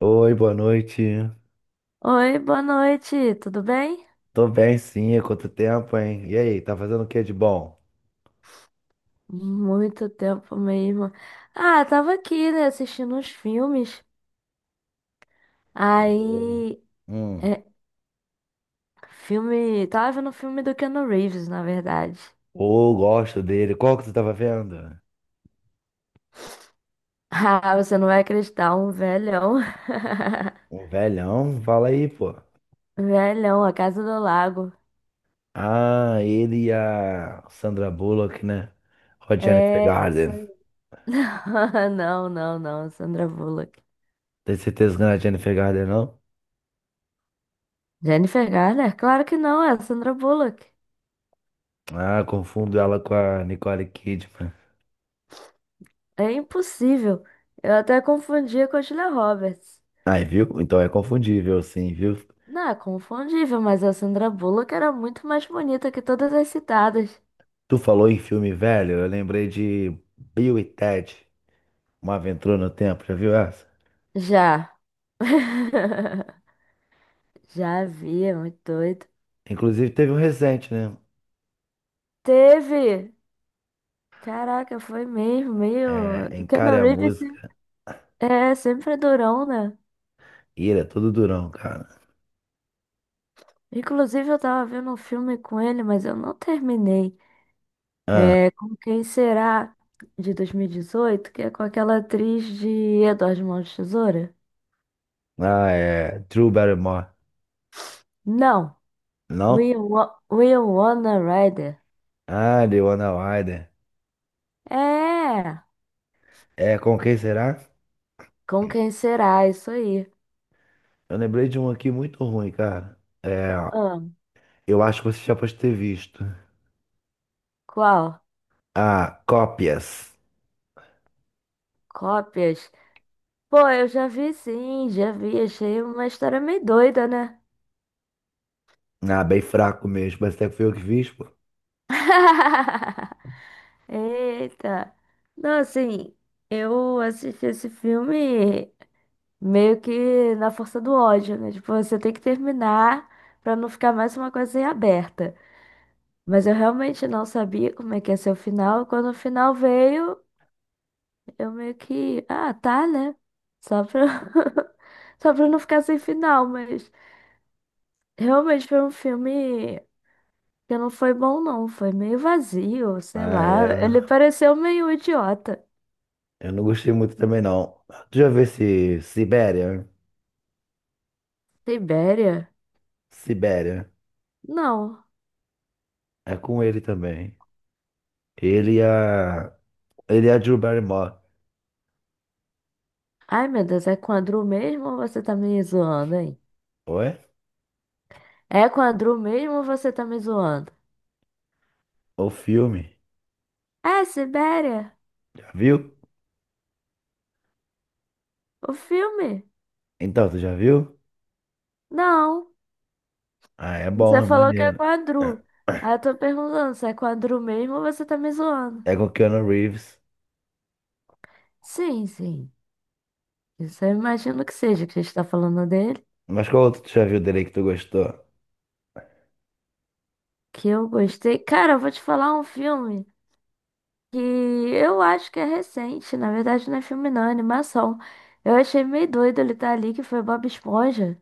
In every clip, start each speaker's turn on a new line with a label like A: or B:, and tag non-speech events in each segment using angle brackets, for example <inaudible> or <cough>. A: Oi, boa noite.
B: Oi, boa noite, tudo bem?
A: Tô bem, sim. Há quanto tempo, hein? E aí, tá fazendo o que de bom?
B: Muito tempo mesmo. Ah, tava aqui, né, assistindo uns filmes. Aí,
A: Hum.
B: é, filme, tava vendo o filme do Keanu Reeves, na verdade. <laughs>
A: Ô, gosto dele. Qual que tu tava vendo?
B: Ah, você não vai acreditar, um velhão.
A: Um velhão? Fala aí, pô.
B: <laughs> Velhão, A Casa do Lago.
A: Ah, ele e a Sandra Bullock, né? Com a Jennifer
B: É, isso.
A: Garden.
B: Aí. <laughs> Não, não, não, Sandra Bullock.
A: Tem certeza que não é a Jennifer Garden, não?
B: Jennifer Garner? Claro que não, é a Sandra Bullock.
A: Ah, confundo ela com a Nicole Kidman.
B: É impossível. Eu até confundia com a Julia Roberts.
A: Aí, viu? Então é confundível, sim, viu?
B: Não, é confundível, mas a Sandra Bullock era muito mais bonita que todas as citadas.
A: Tu falou em filme velho, eu lembrei de Bill e Ted, Uma Aventura no Tempo, já viu essa?
B: Já. <laughs> Já vi, é muito doido.
A: Inclusive teve um recente, né?
B: Teve! Caraca, foi mesmo, meio.
A: É,
B: O
A: Encare
B: Keanu
A: a
B: Reeves se-
A: música.
B: é sempre durão, né?
A: Ira, todo durão, cara.
B: Inclusive, eu tava vendo um filme com ele, mas eu não terminei.
A: Ah,
B: É Com Quem Será, de 2018, que é com aquela atriz de Edward Mãos de Tesoura?
A: ah, é. Drew Barrymore.
B: Não!
A: Não?
B: We Wanna Rider.
A: Ah, The Wanna Wider.
B: É!
A: É, com quem será?
B: Com quem será? Isso aí.
A: Eu lembrei de um aqui muito ruim, cara. É,
B: Ah,
A: eu acho que você já pode ter visto.
B: qual?
A: Ah, cópias.
B: Cópias? Pô, eu já vi sim, já vi. Achei uma história meio doida, né?
A: Ah, bem fraco mesmo. Mas até que foi eu que fiz, pô.
B: <laughs> Eita. Não, assim, eu assisti esse filme meio que na força do ódio, né? Tipo, você tem que terminar pra não ficar mais uma coisa em aberta. Mas eu realmente não sabia como é que ia ser o final. Quando o final veio. Eu meio que, ah, tá, né? Só pra, <laughs> só pra não ficar sem final, mas realmente foi um filme que não foi bom, não. Foi meio vazio, sei
A: Ah,
B: lá. Ele
A: é.
B: pareceu meio idiota.
A: Eu não gostei muito também, não. Tu já viu esse Sibéria?
B: Sibéria?
A: Sibéria.
B: Não.
A: É com ele também. Ele e a Ele é a Drew Barrymore.
B: Ai, meu Deus, é com a Drew mesmo ou você tá me zoando, hein?
A: Oi?
B: É com a Drew mesmo ou você tá me zoando?
A: O filme.
B: É, Sibéria?
A: Já viu?
B: O filme?
A: Então, tu já viu?
B: Não.
A: Ah, é bom,
B: Você
A: é
B: falou que é
A: maneiro.
B: com a Drew. Aí eu tô perguntando se é com a Drew mesmo ou você tá me zoando.
A: É com o Keanu Reeves.
B: Sim, sim. Isso eu imagino que seja, que a gente tá falando dele,
A: Mas qual outro tu já viu dele aí que tu gostou?
B: que eu gostei. Cara, eu vou te falar um filme que eu acho que é recente, na verdade não é filme não, é animação. Eu achei meio doido ele estar ali, que foi Bob Esponja.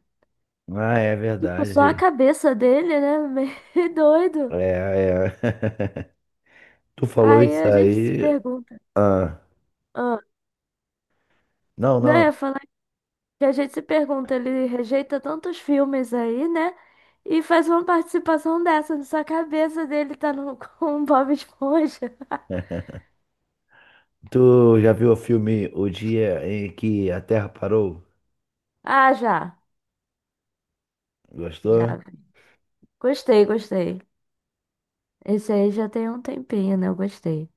A: Ah, é
B: Tipo, só a
A: verdade.
B: cabeça dele, né? <laughs> Meio doido.
A: É, é. <laughs> Tu falou
B: Aí
A: isso
B: a gente se
A: aí.
B: pergunta.
A: Ah,
B: Ah,
A: não,
B: não, eu
A: não.
B: ia falar que a gente se pergunta, ele rejeita tantos filmes aí, né? E faz uma participação dessa, só a cabeça dele tá no, <laughs> com o Bob Esponja.
A: <laughs> Tu já viu o filme O Dia em que a Terra Parou?
B: Ah, já. Já.
A: Gostou?
B: Gostei, gostei. Esse aí já tem um tempinho, né? Eu gostei.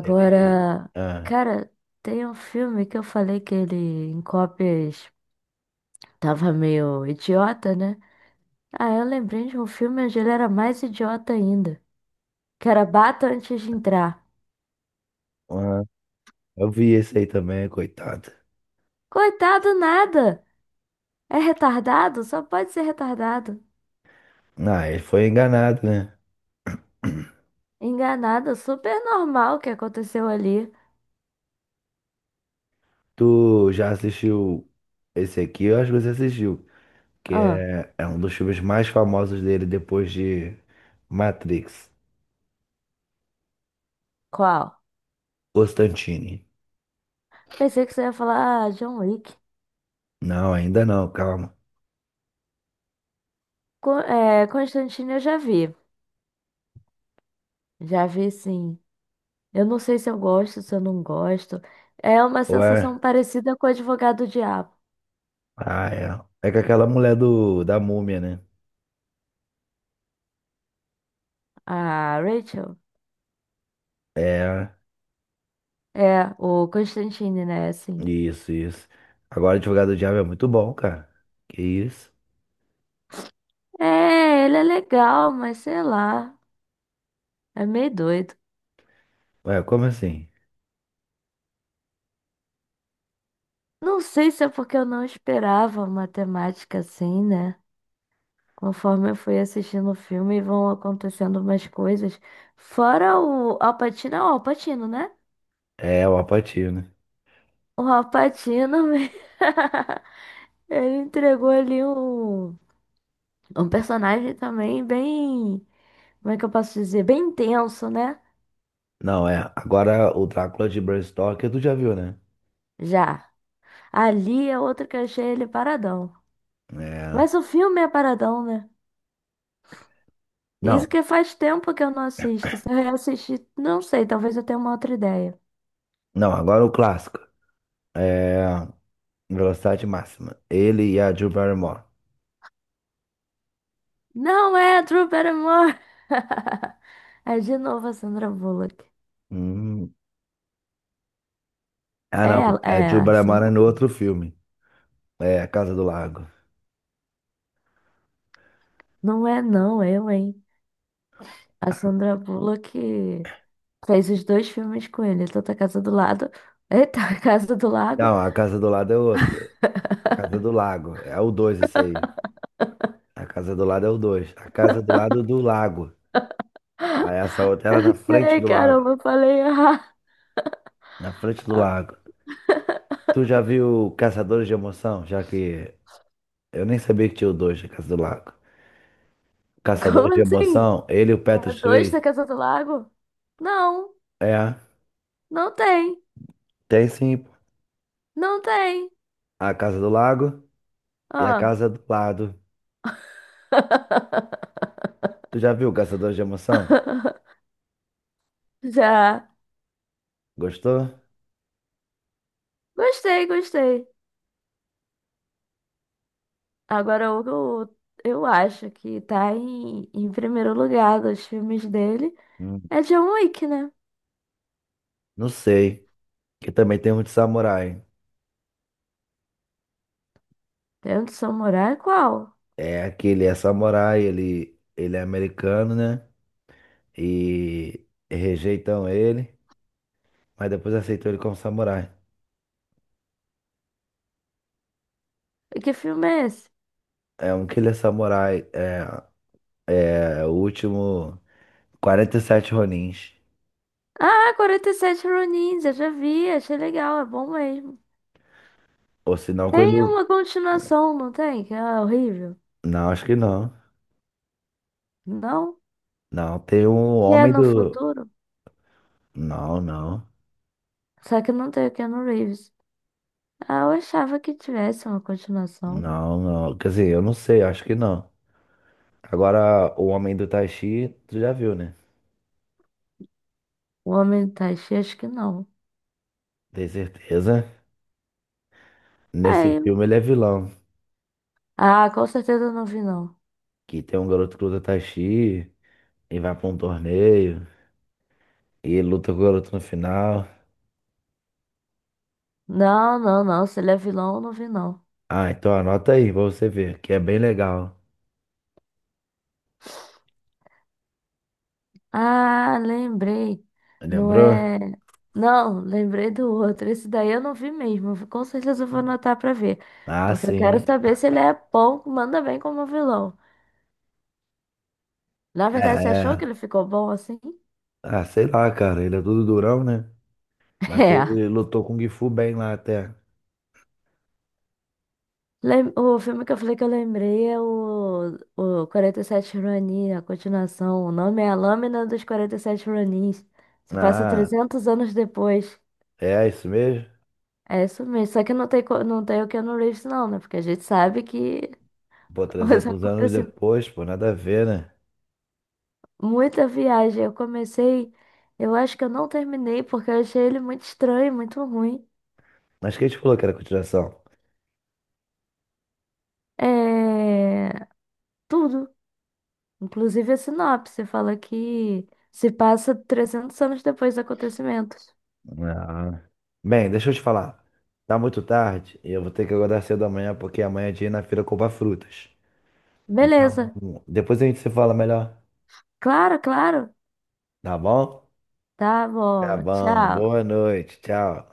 A: Ele. Ah,
B: cara, tem um filme que eu falei que ele em cópias tava meio idiota, né? Ah, eu lembrei de um filme onde ele era mais idiota ainda. Que era Bata antes de entrar.
A: ah, eu vi esse aí também, coitado.
B: Coitado, nada! É retardado? Só pode ser retardado.
A: Ah, ele foi enganado, né?
B: Enganado, super normal o que aconteceu ali.
A: Tu já assistiu esse aqui? Eu acho que você assistiu, que
B: Ah,
A: é, é um dos filmes mais famosos dele depois de Matrix,
B: qual?
A: Constantine.
B: Pensei que você ia falar ah, John Wick.
A: Não, ainda não, calma.
B: Constantine eu já vi. Já vi sim. Eu não sei se eu gosto, se eu não gosto. É uma
A: Ou
B: sensação
A: é?
B: parecida com o advogado diabo.
A: Ah, é. É com aquela mulher do, da múmia, né?
B: A Rachel?
A: É,
B: É, o Constantine, né? Assim.
A: isso, isso. Agora, Advogado do Diabo é muito bom, cara. Que isso?
B: É, ele é legal, mas sei lá. É meio doido.
A: Ué, como assim?
B: Não sei se é porque eu não esperava uma temática assim, né? Conforme eu fui assistindo o filme, vão acontecendo umas coisas. Fora o Al Pacino, é o Al Pacino, né?
A: É, é o Al Pacino.
B: O Al Pacino, <laughs> ele entregou ali um. Um personagem também bem, como é que eu posso dizer? Bem intenso, né?
A: Não, é. Agora o Drácula de Bram Stoker, tu já viu, né?
B: Já. Ali é outro que eu achei ele paradão.
A: É.
B: Mas o filme é paradão, né?
A: Não,
B: Isso que faz tempo que eu não assisto. Se eu reassistir, não sei, talvez eu tenha uma outra ideia.
A: não, agora o clássico. É, velocidade máxima. Ele e a Drew Barrymore.
B: Não é a Drew Barrymore! <laughs> É de novo a Sandra Bullock.
A: Hum. Ah,
B: É,
A: não.
B: ela-
A: É,
B: é
A: Drew
B: a
A: Barrymore é
B: Sandra.
A: no outro filme. É, A Casa do Lago.
B: Não é, não, eu, hein? A Sandra Bullock fez os dois filmes com ele, tanto a Casa do Lado. Eita, <laughs> a Casa do Lago.
A: Não, A Casa do Lado é outro. A Casa do Lago. É o 2 esse aí. A Casa do Lado é o 2. A Casa do Lado do Lago. Aí essa outra era na
B: Eu
A: frente
B: sei,
A: do lago.
B: caramba, eu falei, ah,
A: Na frente do lago. Tu já viu Caçadores de Emoção? Já que eu nem sabia que tinha o 2 da Casa do Lago.
B: <laughs>
A: Caçadores
B: como
A: de
B: assim?
A: Emoção, ele e o
B: É
A: Patrick
B: dois da
A: Swayze.
B: Casa do Lago? Não,
A: É,
B: não tem,
A: tem sim.
B: não tem.
A: A Casa do Lago. E a
B: Ah.
A: casa do lado.
B: <laughs>
A: Tu já viu Caçador de Emoção?
B: Já.
A: Gostou?
B: Gostei, gostei. Agora o que eu acho que tá em primeiro lugar dos filmes dele
A: Hum,
B: é John Wick, né?
A: não sei. Que também tem um de samurai.
B: Dentro do Samurai, qual?
A: É aquele é samurai, ele é americano, né? E rejeitam ele, mas depois aceitou ele como samurai.
B: E que filme é esse?
A: É um que ele é samurai, é, é o último 47 Ronins.
B: Ah, 47 Ronins, eu já vi, achei legal, é bom mesmo.
A: Ou se não,
B: Tem
A: quando.
B: uma continuação, não tem? Que é horrível.
A: Não, acho que não.
B: Não?
A: Não, tem um
B: Que é
A: homem
B: no
A: do.
B: futuro?
A: Não, não.
B: Só que não tem o Keanu Reeves. Ah, eu achava que tivesse uma continuação.
A: Não, não. Quer dizer, eu não sei, acho que não. Agora, o Homem do Taxi, tu já viu, né?
B: O Homem do Taishi, acho que não.
A: Tem certeza. Nesse
B: Aí.
A: filme ele é vilão.
B: Ah, com certeza eu não vi, não.
A: Que tem um garoto que luta Taxi e vai pra um torneio e luta com o garoto no final.
B: Não, não, não. Se ele é vilão, eu não vi, não.
A: Ah, então anota aí pra você ver, que é bem legal.
B: Ah, lembrei. Não
A: Lembrou?
B: é. Não, lembrei do outro. Esse daí eu não vi mesmo. Com certeza eu vou anotar pra ver.
A: Ah,
B: Porque eu quero
A: sim.
B: saber se ele é bom, manda bem como vilão. Na
A: É,
B: verdade, você achou que
A: é.
B: ele ficou bom assim?
A: Ah, sei lá, cara. Ele é tudo durão, né?
B: <laughs>
A: Mas
B: É.
A: ele lutou com o Gifu bem lá até.
B: O filme que eu falei que eu lembrei é o 47 Ronin, a continuação. O nome é A Lâmina dos 47 Ronins. Se passa
A: Ah,
B: 300 anos depois.
A: é isso mesmo?
B: É isso mesmo. Só que não tem, não tem o Keanu Reeves, não, né? Porque a gente sabe que
A: Pô,
B: <laughs> os
A: 300 anos
B: acontecimentos.
A: depois, pô, nada a ver, né?
B: Muita viagem. Eu comecei. Eu acho que eu não terminei porque eu achei ele muito estranho, muito ruim.
A: Mas quem te falou que era continuação?
B: É. Tudo. Inclusive a sinopse fala que se passa 300 anos depois dos acontecimentos.
A: Ah. Bem, deixa eu te falar. Tá muito tarde e eu vou ter que acordar cedo amanhã porque amanhã é dia de ir na feira comprar frutas. Então,
B: Beleza.
A: depois a gente se fala melhor,
B: Claro, claro.
A: tá bom?
B: Tá
A: Tá
B: bom.
A: bom.
B: Tchau.
A: Boa noite. Tchau.